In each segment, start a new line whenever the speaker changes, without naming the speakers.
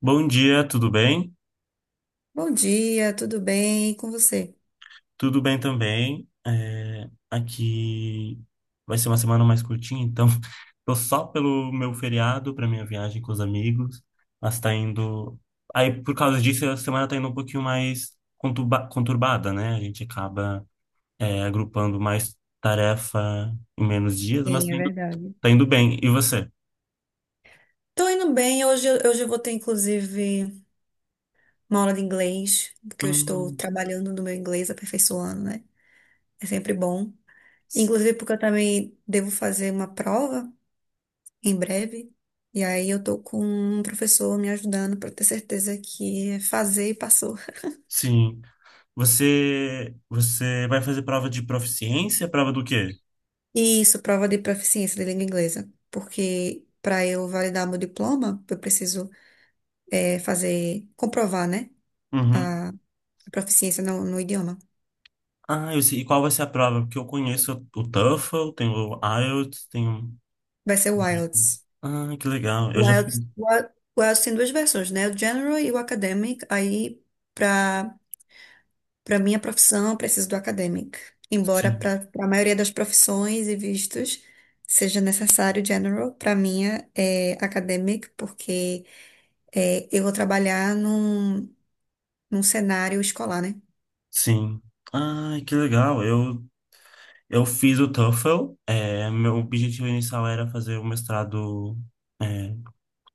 Bom dia, tudo bem?
Bom dia, tudo bem? E com você?
Tudo bem também. Aqui vai ser uma semana mais curtinha, então tô só pelo meu feriado para minha viagem com os amigos. Mas tá indo. Aí, por causa disso, a semana tá indo um pouquinho mais conturbada, né? A gente acaba, agrupando mais tarefa em menos dias, mas
Sim, é verdade.
tá indo bem. E você?
Tô indo bem. Hoje, hoje eu vou ter, inclusive, uma aula de inglês, porque eu estou
Hum,
trabalhando no meu inglês, aperfeiçoando, né? É sempre bom.
s-
Inclusive, porque eu também devo fazer uma prova em breve. E aí eu tô com um professor me ajudando para ter certeza que fazer e passou.
sim. Você vai fazer prova de proficiência? Prova do quê?
E isso, prova de proficiência de língua inglesa. Porque para eu validar meu diploma, eu preciso fazer, comprovar, né?
Uhum.
Proficiência no idioma.
Ah, eu sei. E qual vai ser a prova? Porque eu conheço o TOEFL, tenho o IELTS, tenho.
Vai ser o IELTS.
Ah, que legal.
O
Eu já fiz.
IELTS, o IELTS tem duas versões, né? O General e o Academic. Aí, para para minha profissão, eu preciso do Academic. Embora
Sim.
para a maioria das profissões e vistos seja necessário o General, para minha é Academic, porque eu vou trabalhar num cenário escolar, né?
Sim. Ah, que legal. Eu fiz o TOEFL. Meu objetivo inicial era fazer o mestrado, é,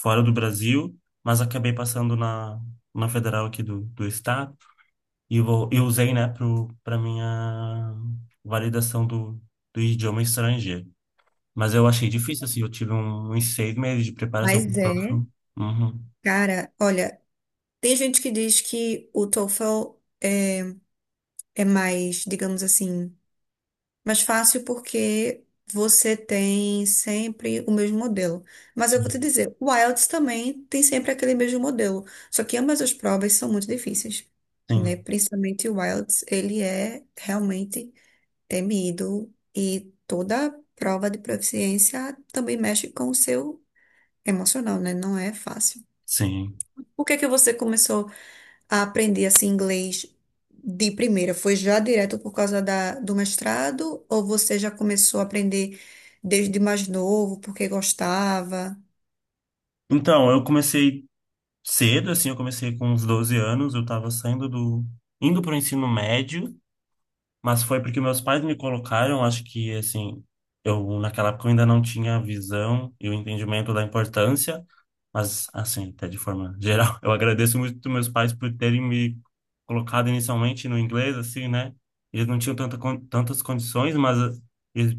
fora do Brasil, mas acabei passando na federal aqui do estado e, e usei, né, para minha validação do idioma estrangeiro. Mas eu achei difícil, assim, eu tive uns seis meses de preparação para
Mas
o TOEFL.
é,
Uhum.
cara, olha, tem gente que diz que o TOEFL é, é mais, digamos assim, mas fácil porque você tem sempre o mesmo modelo. Mas eu vou te
Sim,
dizer, o IELTS também tem sempre aquele mesmo modelo. Só que ambas as provas são muito difíceis,
sim,
né? Principalmente o IELTS, ele é realmente temido e toda prova de proficiência também mexe com o seu emocional, né? Não é fácil.
sim.
Por que que você começou a aprender assim inglês de primeira? Foi já direto por causa do mestrado, ou você já começou a aprender desde mais novo porque gostava?
Então, eu comecei cedo, assim, eu comecei com uns 12 anos, eu estava saindo do... indo para o ensino médio, mas foi porque meus pais me colocaram, acho que, assim, eu naquela época eu ainda não tinha a visão e o entendimento da importância. Mas, assim, até de forma geral, eu agradeço muito meus pais por terem me colocado inicialmente no inglês, assim, né? Eles não tinham tanta, tantas condições, mas eles,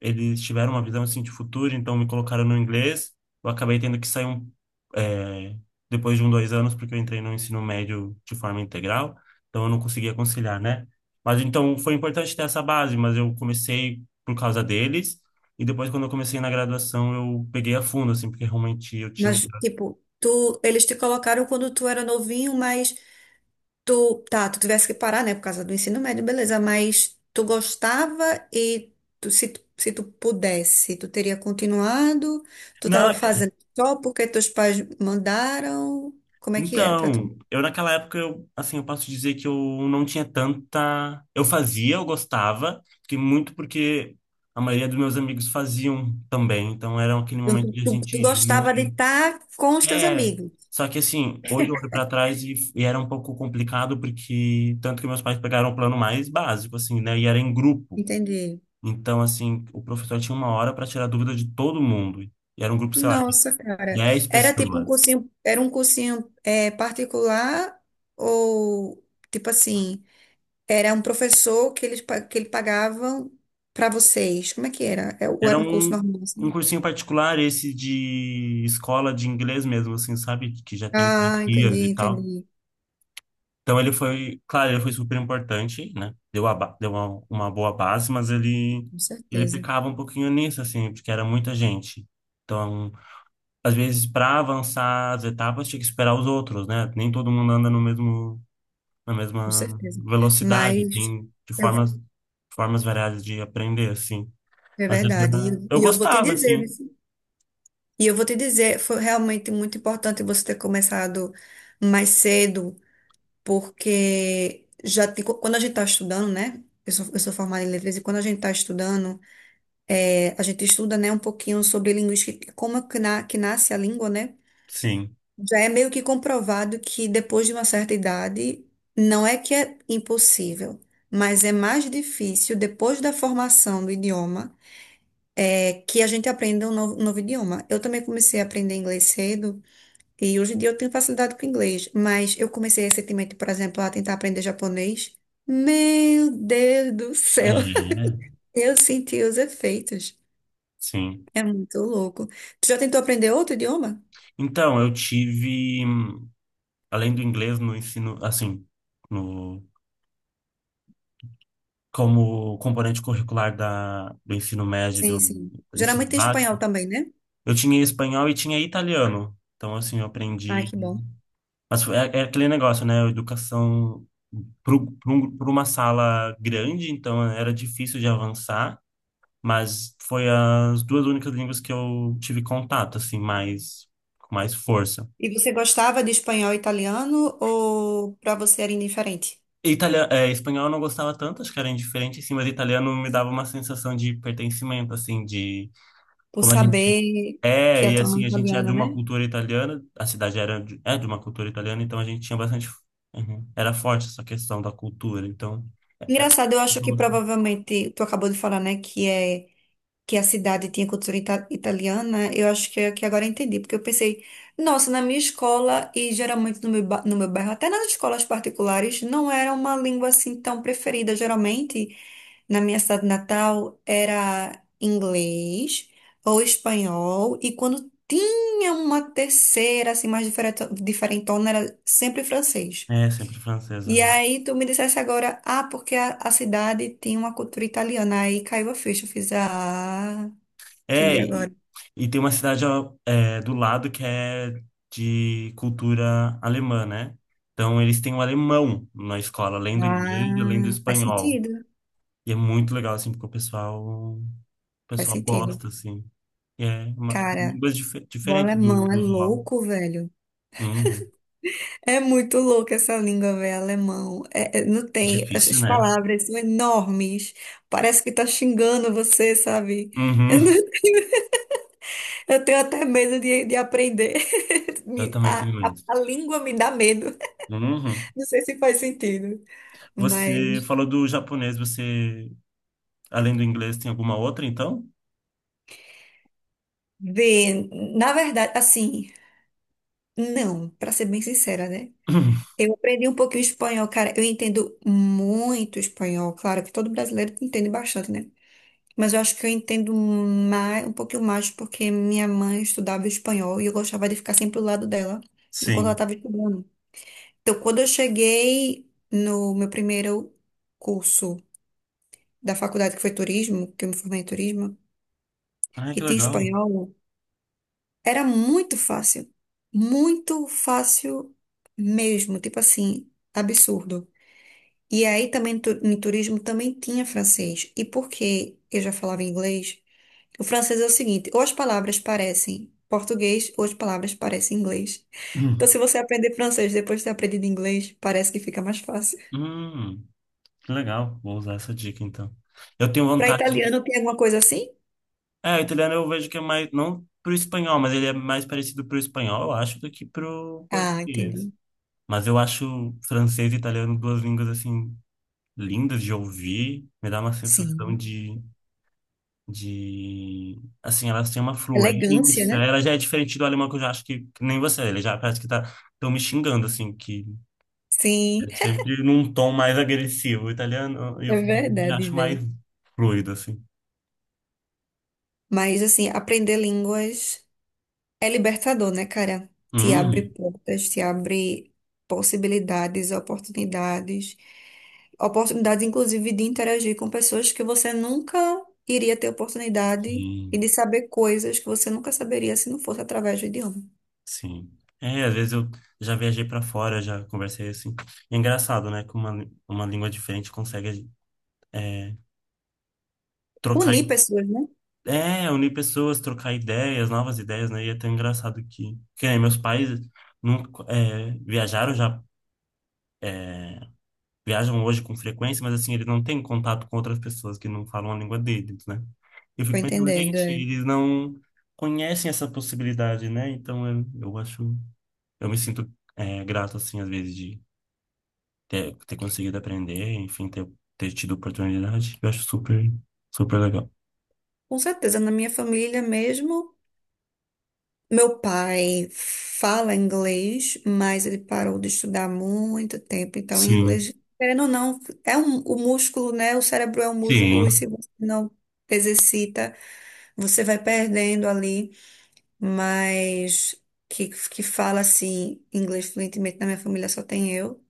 eles tiveram uma visão, assim, de futuro, então me colocaram no inglês. Eu acabei tendo que sair eh, depois de um, dois anos, porque eu entrei no ensino médio de forma integral, então eu não conseguia conciliar, né? Mas, então, foi importante ter essa base, mas eu comecei por causa deles. E depois, quando eu comecei na graduação, eu peguei a fundo, assim, porque realmente eu tinha.
Mas tipo, tu eles te colocaram quando tu era novinho, mas tu, tá, tu tivesse que parar, né, por causa do ensino médio, beleza, mas tu gostava e se tu pudesse, tu teria continuado? Tu tava
Não,
fazendo só porque teus pais mandaram? Como é que era para tu?
então, eu naquela época, assim, eu posso dizer que eu não tinha tanta. Eu fazia, eu gostava, porque muito porque a maioria dos meus amigos faziam também, então era aquele
Então,
momento
Tu,
de a
tu,
gente
tu
ir
gostava de
junto.
estar com os teus
É,
amigos.
só que assim, hoje eu olho pra trás e era um pouco complicado, porque tanto que meus pais pegaram o plano mais básico, assim, né, e era em grupo.
Entendi.
Então, assim, o professor tinha uma hora para tirar dúvida de todo mundo, e era um grupo, sei lá, de
Nossa, cara.
10
Era tipo um
pessoas.
cursinho, era um cursinho é, particular, ou tipo assim, era um professor que que ele pagavam para vocês. Como é que era? É, ou
Era
era um curso normal
um
assim?
cursinho particular, esse de escola de inglês mesmo, assim, sabe? Que já tem
Ah,
franquias e
entendi,
tal.
entendi.
Então ele foi, claro, ele foi super importante, né? Deu uma boa base, mas
Com
ele
certeza,
pecava um pouquinho nisso, assim, porque era muita gente. Então, às vezes, para avançar as etapas, tinha que esperar os outros, né? Nem todo mundo anda no mesmo, na
com
mesma
certeza.
velocidade,
Mas
tem de
eu-
formas, formas variadas de aprender, assim.
é
Mas
verdade.
eu
E eu vou te
gostava,
dizer,
assim,
foi realmente muito importante você ter começado mais cedo porque quando a gente está estudando, né? Eu sou formada em letras e quando a gente está estudando, a gente estuda, né, um pouquinho sobre linguística, e como é que, que nasce a língua, né?
sim.
Já é meio que comprovado que depois de uma certa idade, não é que é impossível, mas é mais difícil depois da formação do idioma, é que a gente aprenda um novo idioma. Eu também comecei a aprender inglês cedo. E hoje em dia eu tenho facilidade com inglês, mas eu comecei recentemente, por exemplo, a tentar aprender japonês. Meu Deus do
É,
céu, eu senti os efeitos.
sim.
É muito louco. Tu já tentou aprender outro idioma?
Então, eu tive, além do inglês no ensino, assim, no, como componente curricular do ensino médio e
Sim, sim.
do ensino
Geralmente tem
básico,
espanhol também, né?
eu tinha espanhol e tinha italiano. Então, assim, eu
Ai, que
aprendi.
bom.
Mas é, é aquele negócio, né? Educação para uma sala grande, então era difícil de avançar, mas foi as duas únicas línguas que eu tive contato, assim, mais, com mais força.
E você gostava de espanhol e italiano, ou para você era indiferente?
Italiano, espanhol eu não gostava tanto, acho que era indiferente, assim, mas italiano me dava uma sensação de pertencimento, assim, de
Por
como a gente
saber que
é,
a
e
tua mãe
assim,
é
a gente é de
italiana,
uma
né?
cultura italiana, a cidade era de, é de uma cultura italiana, então a gente tinha bastante. Uhum. Era forte essa questão da cultura, então.
Engraçado, eu
Eu
acho que
gostava.
provavelmente tu acabou de falar, né, que a cidade tinha cultura italiana, eu acho que agora eu entendi, porque eu pensei, nossa, na minha escola e geralmente no meu, no meu bairro, até nas escolas particulares, não era uma língua assim tão preferida. Geralmente, na minha cidade natal, era inglês ou espanhol, e quando tinha uma terceira, assim, mais diferente, diferentona, era sempre francês.
É, sempre francesa,
E
né?
aí tu me dissesse agora, ah, porque a cidade tinha uma cultura italiana, aí caiu a ficha, eu fiz, ah...
É,
Entendi agora.
e tem uma cidade ó, é, do lado que é de cultura alemã, né? Então eles têm o alemão na escola, além do inglês, além do
Ah, faz
espanhol.
sentido.
E é muito legal, assim, porque o
Faz
pessoal
sentido.
gosta, assim. E é uma
Cara,
língua
o
diferente
alemão é
do usual.
louco, velho.
Uhum.
É muito louco essa língua, velho, alemão. Não tem.
Difícil,
As
né?
palavras são enormes. Parece que tá xingando você, sabe? Eu,
Uhum.
não tenho, eu tenho até medo de aprender.
Eu também
A,
tenho
a,
medo.
a língua me dá medo.
Uhum.
Não sei se faz sentido.
Você
Mas,
falou do japonês, você, além do inglês, tem alguma outra, então?
vê, na verdade, assim, não, pra ser bem sincera, né? Eu aprendi um pouquinho espanhol, cara. Eu entendo muito espanhol. Claro que todo brasileiro entende bastante, né? Mas eu acho que eu entendo mais, um pouquinho mais porque minha mãe estudava espanhol e eu gostava de ficar sempre do lado dela enquanto ela
Sim.
estava estudando. Então, quando eu cheguei no meu primeiro curso da faculdade, que foi turismo, que eu me formei em turismo,
Ai,
e
que
tinha
legal.
espanhol, era muito fácil. Muito fácil mesmo. Tipo assim, absurdo. E aí também em turismo também tinha francês. E porque eu já falava inglês, o francês é o seguinte, ou as palavras parecem português, ou as palavras parecem inglês. Então,
Hum.
se você aprender francês depois de ter aprendido inglês, parece que fica mais fácil.
Hum, que legal. Vou usar essa dica, então. Eu tenho
Para
vontade de...
italiano, tem alguma coisa assim?
É, o italiano eu vejo que é mais... Não pro espanhol, mas ele é mais parecido pro espanhol, eu acho, do que pro
Ah,
português.
entendi.
Mas eu acho francês e italiano duas línguas, assim, lindas de ouvir. Me dá uma sensação
Sim.
de... Assim, elas têm uma
Elegância,
fluência.
né?
Ela já é diferente do alemão, que eu já acho que nem você. Ele já parece que tá, tão me xingando, assim, que
Sim,
é sempre num tom mais agressivo. O italiano, eu
é
já
verdade,
acho mais
velho.
fluido, assim.
Mas, assim, aprender línguas. É libertador, né, cara? Te abre
Hum,
portas, te abre possibilidades, oportunidades, oportunidades, inclusive, de interagir com pessoas que você nunca iria ter oportunidade
sim,
e de saber coisas que você nunca saberia se não fosse através do idioma.
sim. É, às vezes eu já viajei para fora, já conversei assim. E é engraçado, né? Que uma língua diferente consegue é, trocar.
Unir pessoas, né?
É, unir pessoas, trocar ideias, novas ideias, né? E é tão engraçado que nem meus pais nunca, é, viajaram já, é, viajam hoje com frequência, mas assim, eles não têm contato com outras pessoas que não falam a língua deles, né? Eu
Tô
fico pensando,
entendendo,
gente,
é.
eles não conhecem essa possibilidade, né? Então eu acho, eu me sinto, é, grato, assim, às vezes, de ter conseguido aprender, enfim, ter tido oportunidade. Eu acho super, super legal.
Com certeza, na minha família mesmo. Meu pai fala inglês, mas ele parou de estudar há muito tempo. Então, em
Sim,
inglês, querendo ou não, é um, o músculo, né? O cérebro é um músculo, e se
sim.
você não exercita, você vai perdendo ali. Mas que fala assim, inglês fluentemente na minha família só tem eu.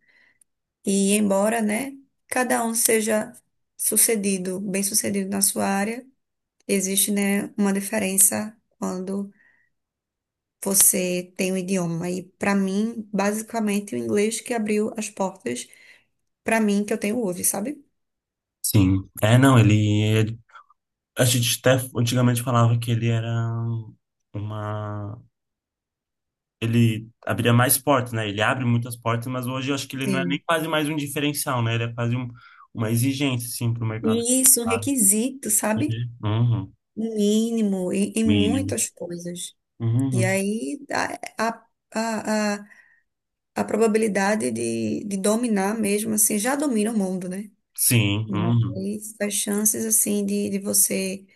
E embora, né, cada um seja sucedido, bem-sucedido na sua área, existe, né, uma diferença quando você tem um idioma. E pra mim, basicamente, o inglês que abriu as portas pra mim que eu tenho hoje, sabe?
Sim. É, não, ele é. A gente até antigamente falava que ele era uma. Ele abria mais portas, né? Ele abre muitas portas, mas hoje eu acho que ele não é nem
Sim.
quase mais um diferencial, né? Ele é quase um, uma exigência, sim, para o mercado.
E isso é um
Claro.
requisito, sabe?
Uhum.
Mínimo em, em
Mínimo.
muitas coisas. E
Uhum.
aí a, a, a probabilidade de dominar mesmo, assim, já domina o mundo, né?
Sim, uhum.
Mas as chances, assim, de você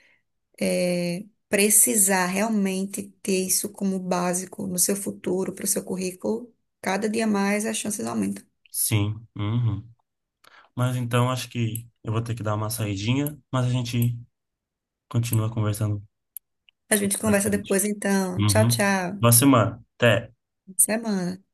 é, precisar realmente ter isso como básico no seu futuro, para o seu currículo, cada dia mais as chances aumentam.
Sim, uhum. Mas então acho que eu vou ter que dar uma saidinha, mas a gente continua conversando
A gente
pra
conversa
frente.
depois, então. Tchau,
Uhum.
tchau.
Boa semana. Até.
Boa semana.